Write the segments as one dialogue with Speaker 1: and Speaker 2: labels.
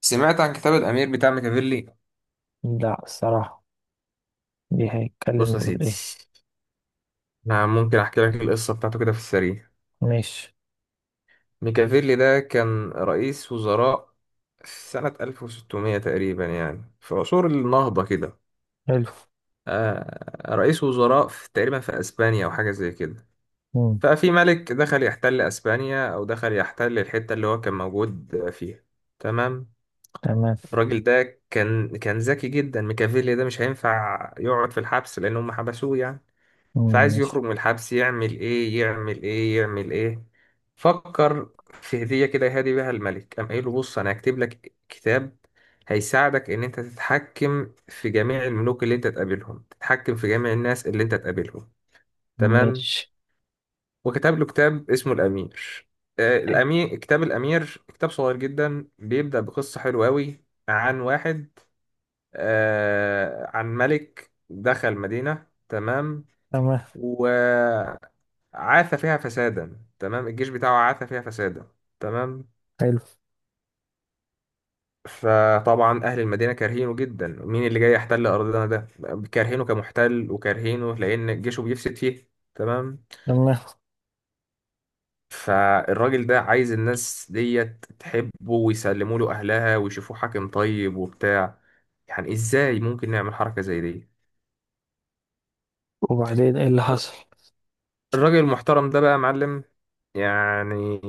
Speaker 1: سمعت عن كتاب الأمير بتاع ميكافيلي؟
Speaker 2: لا، الصراحة. دي هيتكلم
Speaker 1: بص يا
Speaker 2: يقول
Speaker 1: سيدي،
Speaker 2: ايه؟
Speaker 1: أنا ممكن أحكي لك القصة بتاعته كده في السريع.
Speaker 2: ماشي.
Speaker 1: ميكافيلي ده كان رئيس وزراء في سنة 1600 تقريبا، يعني في عصور النهضة كده.
Speaker 2: حلو.
Speaker 1: آه، رئيس وزراء في تقريبا في أسبانيا أو حاجة زي كده.
Speaker 2: مم.
Speaker 1: ففي ملك دخل يحتل أسبانيا أو دخل يحتل الحتة اللي هو كان موجود فيها. تمام.
Speaker 2: تمام.
Speaker 1: الراجل ده كان ذكي جدا، ميكافيلي ده مش هينفع يقعد في الحبس لأن هم حبسوه يعني.
Speaker 2: مم.
Speaker 1: فعايز
Speaker 2: ماشي.
Speaker 1: يخرج من الحبس، يعمل ايه يعمل ايه يعمل ايه؟ فكر في هدية كده يهدي بيها الملك، قام قايل له بص انا هكتب لك كتاب هيساعدك ان انت تتحكم في جميع الملوك اللي انت تقابلهم، تتحكم في جميع الناس اللي انت تقابلهم. تمام.
Speaker 2: ماشي.
Speaker 1: وكتب له كتاب اسمه الامير. الامير، كتاب الامير كتاب صغير جدا، بيبدأ بقصة حلوة قوي عن واحد، عن ملك دخل مدينة.
Speaker 2: تمام.
Speaker 1: تمام. عاث فيها فسادا، تمام، الجيش بتاعه عاث فيها فسادا. تمام.
Speaker 2: حلو.
Speaker 1: فطبعا اهل المدينه كارهينه جدا، مين اللي جاي يحتل ارضنا ده؟ كارهينه كمحتل وكارهينه لان جيشه بيفسد فيه. تمام.
Speaker 2: تمام.
Speaker 1: فالراجل ده عايز الناس ديت تحبه ويسلموا له اهلها ويشوفوه حاكم طيب وبتاع. يعني ازاي ممكن نعمل حركه زي دي؟
Speaker 2: وبعدين ايه اللي حصل؟
Speaker 1: الراجل المحترم ده بقى يا معلم، يعني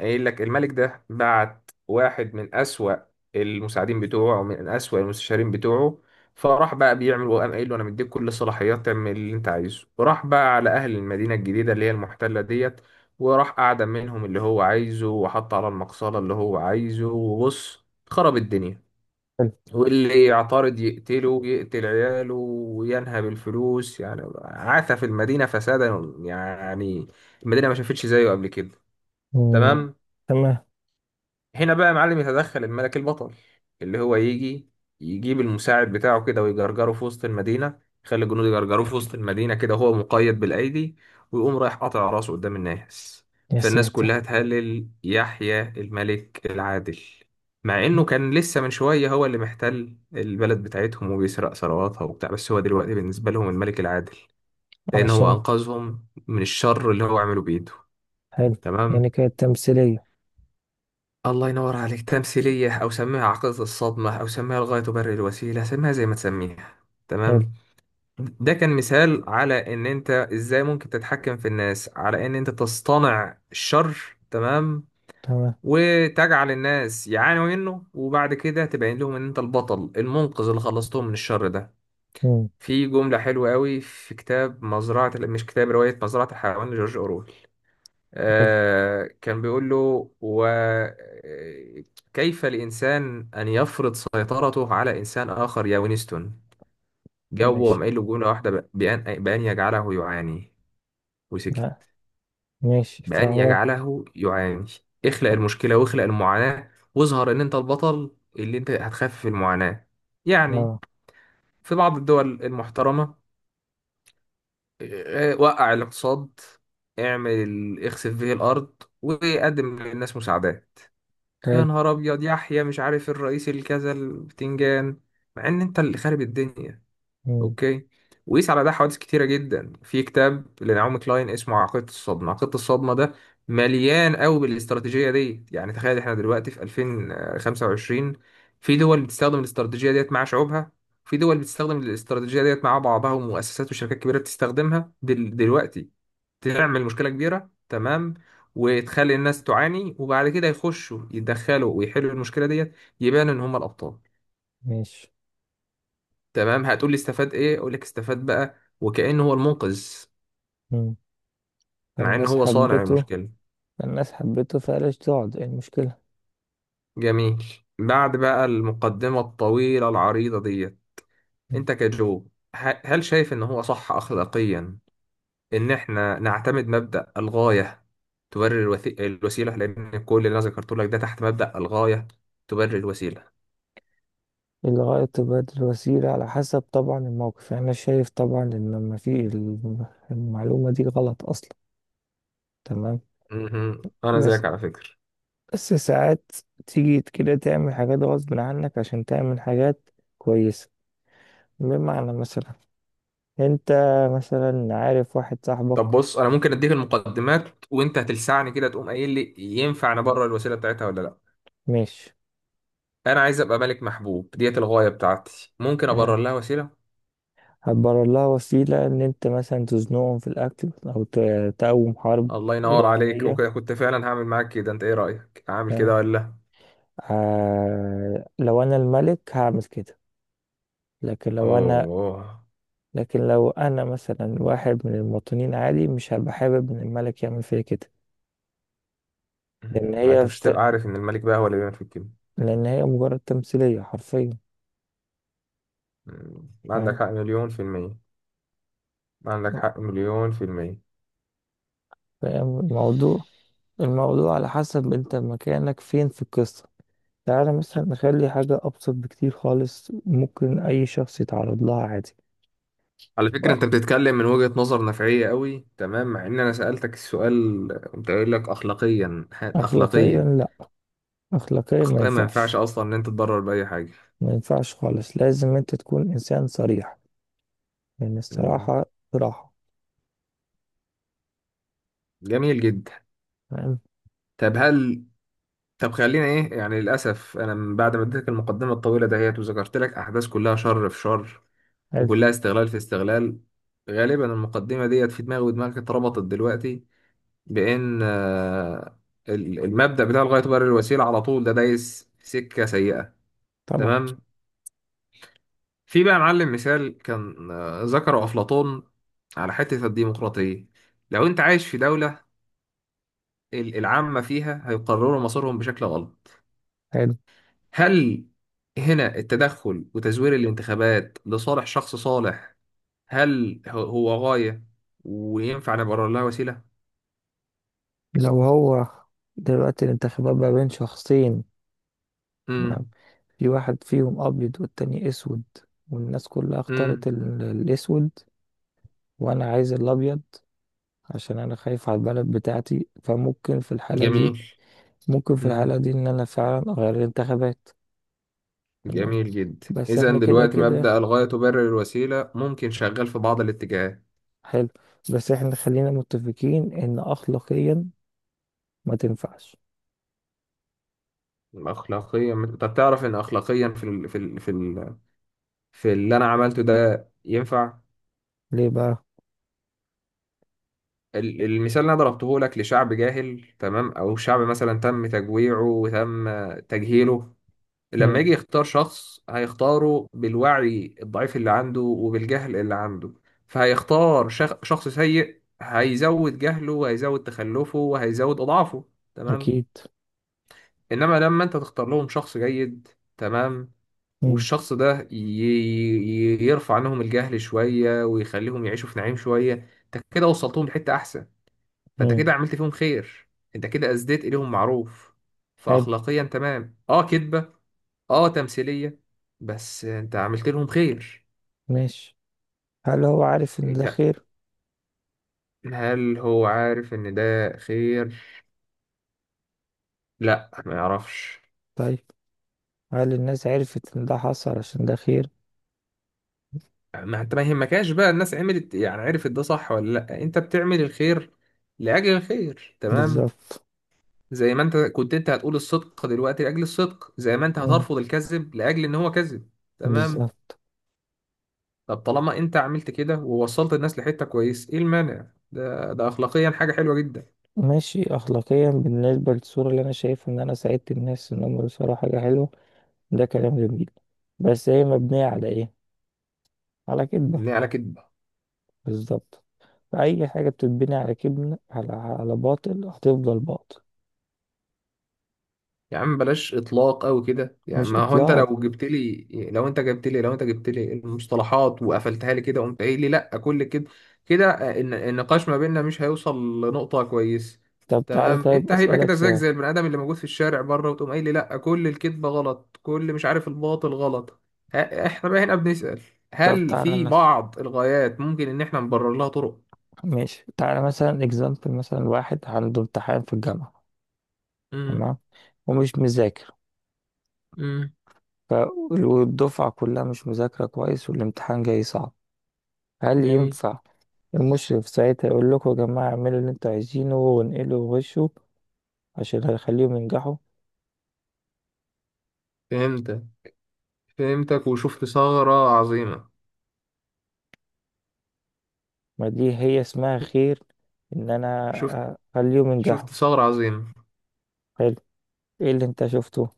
Speaker 1: قايل لك الملك ده بعت واحد من أسوأ المساعدين بتوعه ومن أسوأ المستشارين بتوعه. فراح بقى بيعمل، وقام قايل له انا مديك كل الصلاحيات تعمل اللي انت عايزه، وراح بقى على اهل المدينه الجديده اللي هي المحتله ديت، وراح اعدم منهم اللي هو عايزه، وحط على المقصله اللي هو عايزه، وبص، خرب الدنيا.
Speaker 2: حلو.
Speaker 1: واللي يعترض يقتله، يقتل عياله، وينهب الفلوس، يعني عاث في المدينة فسادا يعني، المدينة ما شافتش زيه قبل كده.
Speaker 2: مم.
Speaker 1: تمام.
Speaker 2: تمام.
Speaker 1: هنا بقى يا معلم يتدخل الملك البطل، اللي هو يجي يجيب المساعد بتاعه كده ويجرجره في وسط المدينة، يخلي الجنود يجرجروه في وسط المدينة كده وهو مقيد بالأيدي، ويقوم رايح قاطع راسه قدام الناس.
Speaker 2: يا
Speaker 1: فالناس
Speaker 2: ساتر.
Speaker 1: كلها تهلل يحيى الملك العادل، مع إنه كان لسه من شوية هو اللي محتل البلد بتاعتهم وبيسرق ثرواتها وبتاع، بس هو دلوقتي بالنسبة لهم الملك العادل، لأن هو
Speaker 2: عشان.
Speaker 1: أنقذهم من الشر اللي هو عمله بإيده.
Speaker 2: حلو.
Speaker 1: تمام.
Speaker 2: يعني كانت تمثيلية؟
Speaker 1: الله ينور عليك، تمثيلية أو سميها عقدة الصدمة أو سميها الغاية تبرر الوسيلة، سميها زي ما تسميها.
Speaker 2: حلو.
Speaker 1: تمام. ده كان مثال على إن أنت إزاي ممكن تتحكم في الناس، على إن أنت تصطنع الشر، تمام،
Speaker 2: تمام.
Speaker 1: وتجعل الناس يعانوا منه، وبعد كده تبين لهم إن أنت البطل المنقذ اللي خلصتهم من الشر ده.
Speaker 2: مم.
Speaker 1: في جملة حلوة قوي في كتاب مزرعة، مش كتاب، رواية مزرعة الحيوان لجورج أورويل.
Speaker 2: حلو.
Speaker 1: كان بيقول له وكيف الإنسان أن يفرض سيطرته على إنسان آخر يا وينستون. جاوب
Speaker 2: ماشي.
Speaker 1: وقام قايل له جملة واحدة، بأن يجعله يعاني، وسكت.
Speaker 2: لا. ماشي
Speaker 1: بأن
Speaker 2: فهو.
Speaker 1: يجعله يعاني. اخلق المشكلة واخلق المعاناة، واظهر إن أنت البطل اللي أنت هتخفف المعاناة يعني.
Speaker 2: اه.
Speaker 1: في بعض الدول المحترمة، وقع الاقتصاد، اعمل اخسف به الأرض، وقدم للناس مساعدات. يا
Speaker 2: حلو.
Speaker 1: نهار ابيض، يحيى مش عارف الرئيس الكذا البتنجان، مع ان انت اللي خارب الدنيا.
Speaker 2: مم.
Speaker 1: اوكي. وقيس على ده حوادث كتيره جدا في كتاب لنعومي كلاين اسمه عقيده الصدمه. عقيده الصدمه ده مليان قوي بالاستراتيجيه دي، يعني تخيل احنا دلوقتي في 2025، في دول بتستخدم الاستراتيجيه ديت مع شعوبها، في دول بتستخدم الاستراتيجيه ديت مع بعضها، ومؤسسات وشركات كبيره بتستخدمها دلوقتي. تعمل مشكلة كبيرة، تمام، وتخلي الناس تعاني، وبعد كده يخشوا يتدخلوا ويحلوا المشكلة ديت، يبان ان هم الابطال.
Speaker 2: ماشي.
Speaker 1: تمام. هتقول لي استفاد ايه؟ اقول لك استفاد بقى وكأنه هو المنقذ،
Speaker 2: مم.
Speaker 1: مع ان
Speaker 2: فالناس
Speaker 1: هو صانع
Speaker 2: حبته
Speaker 1: المشكلة.
Speaker 2: فالناس حبته فقالش تقعد ايه المشكلة؟
Speaker 1: جميل. بعد بقى المقدمة الطويلة العريضة ديت، انت كجو، هل شايف ان هو صح اخلاقيا ان احنا نعتمد مبدأ الغاية تبرر الوسيلة؟ لان كل اللي انا ذكرته لك ده تحت مبدأ الغاية تبرر الوسيلة.
Speaker 2: الغائط بدل وسيلة على حسب طبعا الموقف، يعني أنا شايف طبعا إن لما في المعلومة دي غلط أصلا. تمام.
Speaker 1: مهم. انا
Speaker 2: بس
Speaker 1: زيك على فكره.
Speaker 2: بس ساعات تيجي كده تعمل حاجات غصب عنك عشان تعمل حاجات كويسة. بمعنى مثلا أنت مثلا عارف واحد صاحبك.
Speaker 1: طب بص، انا ممكن اديك المقدمات وانت هتلسعني كده تقوم قايل لي ينفع نبرر الوسيله بتاعتها ولا لا.
Speaker 2: ماشي.
Speaker 1: انا عايز ابقى ملك محبوب، ديت الغايه بتاعتي، ممكن
Speaker 2: يعني
Speaker 1: ابرر لها وسيله.
Speaker 2: هتبرر لها وسيلة إن أنت مثلا تزنقهم في الأكل أو تقوم حرب
Speaker 1: الله ينور عليك،
Speaker 2: وهمية.
Speaker 1: وكده كنت فعلا هعمل معاك كده. انت ايه رايك، هعمل
Speaker 2: فاهم؟
Speaker 1: كده ولا لا؟
Speaker 2: آه، لو أنا الملك هعمل كده. لكن لو انا
Speaker 1: اوه.
Speaker 2: لكن لو انا مثلا واحد من المواطنين عادي، مش هبقى حابب ان الملك يعمل فيا كده. لان
Speaker 1: ما انت
Speaker 2: هي
Speaker 1: مش
Speaker 2: فت...
Speaker 1: هتبقى عارف ان الملك بقى هو اللي بيعمل في الكلمه.
Speaker 2: لان هي مجرد تمثيلية حرفيا.
Speaker 1: مم. عندك
Speaker 2: فاهم.
Speaker 1: حق مليون في المية. عندك حق مليون في المية.
Speaker 2: فاهم الموضوع. الموضوع على حسب انت مكانك فين في القصة. تعالى مثلا نخلي حاجة أبسط بكتير خالص ممكن أي شخص يتعرض لها عادي.
Speaker 1: على فكرة انت بتتكلم من وجهة نظر نفعية قوي، تمام، مع ان انا سألتك السؤال قمت قايل لك اخلاقيا،
Speaker 2: أخلاقيا
Speaker 1: اخلاقيا.
Speaker 2: لأ. أخلاقيا ما
Speaker 1: اخلاقيا ما
Speaker 2: ينفعش.
Speaker 1: ينفعش اصلا ان انت تضرر بأي حاجة.
Speaker 2: ما ينفعش خالص. لازم أنت تكون إنسان صريح، لأن
Speaker 1: مم.
Speaker 2: الصراحة صراحة.
Speaker 1: جميل جدا.
Speaker 2: تمام.
Speaker 1: طب هل، طب خلينا ايه يعني، للاسف انا من بعد ما اديتك المقدمة الطويلة دهيت وذكرت لك احداث كلها شر في شر،
Speaker 2: حلو.
Speaker 1: وكلها استغلال في استغلال، غالبا المقدمة ديت في دماغي ودماغك اتربطت دلوقتي بان المبدأ بتاع الغاية تبرر الوسيلة على طول ده دايس في سكة سيئة.
Speaker 2: طبعا.
Speaker 1: تمام. في بقى يا معلم مثال كان ذكره أفلاطون على حتة الديمقراطية. لو أنت عايش في دولة العامة فيها هيقرروا مصيرهم بشكل غلط،
Speaker 2: حلو.
Speaker 1: هل هنا التدخل وتزوير الانتخابات لصالح شخص صالح، هل هو هو غاية وينفع نبرر لها وسيلة؟
Speaker 2: لو هو، دلوقتي الانتخابات ما بين شخصين. ما-
Speaker 1: امم.
Speaker 2: في واحد فيهم أبيض والتاني أسود، والناس كلها اختارت
Speaker 1: امم.
Speaker 2: الأسود، وأنا عايز الأبيض عشان أنا خايف على البلد بتاعتي. فممكن في الحالة دي
Speaker 1: جميل.
Speaker 2: ممكن في
Speaker 1: امم.
Speaker 2: الحالة دي إن أنا فعلا أغير الانتخابات. تمام.
Speaker 1: جميل جدا.
Speaker 2: بس
Speaker 1: إذا
Speaker 2: إحنا كده
Speaker 1: دلوقتي
Speaker 2: كده.
Speaker 1: مبدأ الغاية تبرر الوسيلة ممكن شغال في بعض الاتجاهات.
Speaker 2: حلو. بس إحنا خلينا متفقين إن أخلاقيا ما تنفعش.
Speaker 1: اخلاقيا، طب تعرف ان اخلاقيا في اللي انا عملته ده ينفع.
Speaker 2: ليه بقى؟
Speaker 1: المثال اللي انا ضربته لك لشعب جاهل، تمام، او شعب مثلا تم تجويعه وتم تجهيله، لما يجي
Speaker 2: مم.
Speaker 1: يختار شخص هيختاره بالوعي الضعيف اللي عنده وبالجهل اللي عنده، فهيختار شخص سيء، هيزود جهله وهيزود تخلفه وهيزود اضعافه. تمام.
Speaker 2: أكيد.
Speaker 1: انما لما انت تختار لهم شخص جيد، تمام،
Speaker 2: مم.
Speaker 1: والشخص ده يرفع عنهم الجهل شوية ويخليهم يعيشوا في نعيم شوية، انت كده وصلتهم لحتة احسن. فانت
Speaker 2: مم.
Speaker 1: كده عملت فيهم خير، انت كده اسديت اليهم معروف.
Speaker 2: حلو.
Speaker 1: فاخلاقيا تمام، اه كدبة، اه تمثيلية، بس انت عملت لهم خير.
Speaker 2: ماشي. هل هو عارف إن ده
Speaker 1: انت،
Speaker 2: خير؟
Speaker 1: هل هو عارف ان ده خير؟ لا، ما يعرفش.
Speaker 2: طيب. هل الناس عرفت ان ده حصل عشان ده خير؟
Speaker 1: ما انت ما يهمكش بقى الناس عملت إيه، يعني عرفت ده صح ولا لا، انت بتعمل الخير لاجل الخير. تمام.
Speaker 2: بالظبط.
Speaker 1: زي ما انت كنت، انت هتقول الصدق دلوقتي لاجل الصدق، زي ما انت
Speaker 2: مم.
Speaker 1: هترفض الكذب لاجل ان هو كذب. تمام.
Speaker 2: بالظبط.
Speaker 1: طب طالما انت عملت كده ووصلت الناس لحتة كويس، ايه المانع؟ ده ده اخلاقيا حاجة حلوة جدا.
Speaker 2: ماشي، اخلاقيا بالنسبه للصوره اللي انا شايف ان انا ساعدت الناس ان هم يوصلوا حاجه حلوه، ده كلام جميل. بس هي مبنيه على ايه؟ على كذبه.
Speaker 1: يعني على كده.
Speaker 2: بالظبط. اي حاجه بتتبني على كذب، على باطل، هتفضل باطل.
Speaker 1: يا عم بلاش اطلاق قوي كده يعني.
Speaker 2: مش
Speaker 1: ما هو انت
Speaker 2: اطلاق.
Speaker 1: لو جبت لي، لو انت جبت لي المصطلحات وقفلتها لي كده وقمت قايل لي لا كل كده كده، النقاش ما بيننا مش هيوصل لنقطة كويس.
Speaker 2: طب تعالى،
Speaker 1: تمام.
Speaker 2: طيب
Speaker 1: انت هيبقى
Speaker 2: اسالك
Speaker 1: كده زيك
Speaker 2: سؤال.
Speaker 1: زي البني ادم اللي موجود في الشارع بره، وتقوم قايل لي لا كل الكذبة غلط، كل مش عارف الباطل غلط. احنا بقى هنا بنسأل،
Speaker 2: طب
Speaker 1: هل
Speaker 2: تعالى
Speaker 1: في
Speaker 2: مثلا.
Speaker 1: بعض الغايات ممكن ان احنا نبرر لها طرق؟
Speaker 2: ماشي تعالى مثلا اكزامبل، مثلا واحد عنده امتحان في الجامعه.
Speaker 1: امم.
Speaker 2: تمام. ومش مذاكر.
Speaker 1: امم.
Speaker 2: ف- والدفعة كلها مش مذاكرة كويس والامتحان جاي صعب. هل
Speaker 1: جميل.
Speaker 2: ينفع المشرف ساعتها يقول لكم يا جماعة اعملوا اللي انتوا عايزينه وانقلوا وغشوا، عشان هيخليهم ينجحوا؟
Speaker 1: فهمتك. فهمتك وشفت ثغرة عظيمة.
Speaker 2: ما دي هي اسمها خير، ان انا
Speaker 1: شفت،
Speaker 2: اخليهم ينجحوا.
Speaker 1: شفت ثغرة عظيمة.
Speaker 2: حلو. ايه اللي انت شفته؟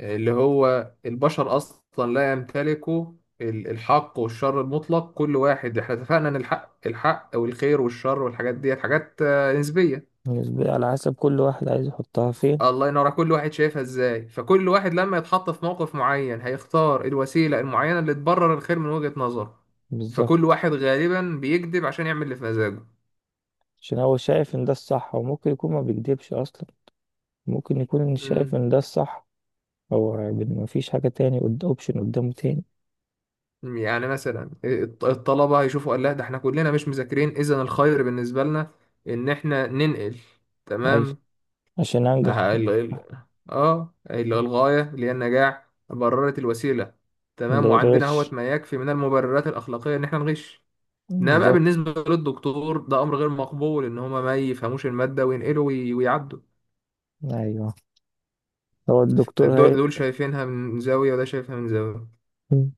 Speaker 1: اللي هو البشر أصلا لا يمتلكوا الحق والشر المطلق، كل واحد، احنا اتفقنا ان الحق الحق والخير والشر والحاجات ديت حاجات نسبية.
Speaker 2: بالنسبة على حسب كل واحد عايز يحطها فين.
Speaker 1: الله ينور، على كل واحد شايفها ازاي، فكل واحد لما يتحط في موقف معين هيختار الوسيلة المعينة اللي تبرر الخير من وجهة نظره. فكل
Speaker 2: بالظبط،
Speaker 1: واحد غالبا بيكذب عشان يعمل اللي في
Speaker 2: عشان هو شايف ان ده الصح. وممكن يكون ما بيكدبش اصلا، ممكن يكون إن
Speaker 1: مزاجه.
Speaker 2: شايف ان ده الصح. هو ما فيش حاجة تاني، قد اوبشن قدامه تاني.
Speaker 1: يعني مثلا الطلبة هيشوفوا قال لا ده احنا كلنا مش مذاكرين، اذا الخير بالنسبة لنا ان احنا ننقل.
Speaker 2: عايز
Speaker 1: تمام.
Speaker 2: عشان انجح.
Speaker 1: اه ال- ال- الغاية اللي هي النجاح بررت الوسيلة. تمام. وعندنا
Speaker 2: للغش.
Speaker 1: اهوت ما يكفي من المبررات الأخلاقية ان احنا نغش. انما بقى
Speaker 2: بالظبط.
Speaker 1: بالنسبة للدكتور ده امر غير مقبول ان هما ما يفهموش المادة وينقلوا ويعدوا.
Speaker 2: أيوه. هو الدكتور
Speaker 1: دول دول شايفينها من زاوية وده شايفها من زاوية.
Speaker 2: مم.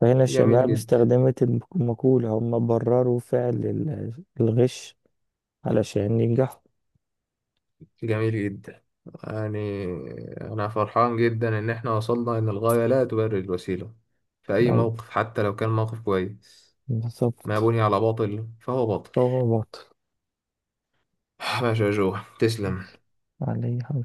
Speaker 2: فهنا
Speaker 1: جميل
Speaker 2: الشباب
Speaker 1: جدا.
Speaker 2: استخدمت المقولة، هم برروا فعل الغش علشان ينجحوا.
Speaker 1: جميل جدا. يعني، أنا فرحان جدا إن إحنا وصلنا إن الغاية لا تبرر الوسيلة في أي
Speaker 2: أيوه.
Speaker 1: موقف، حتى لو كان موقف كويس. ما
Speaker 2: بالظبط.
Speaker 1: بني على باطل فهو باطل.
Speaker 2: هو باطل.
Speaker 1: ماشي يا جو، تسلم.
Speaker 2: عليه.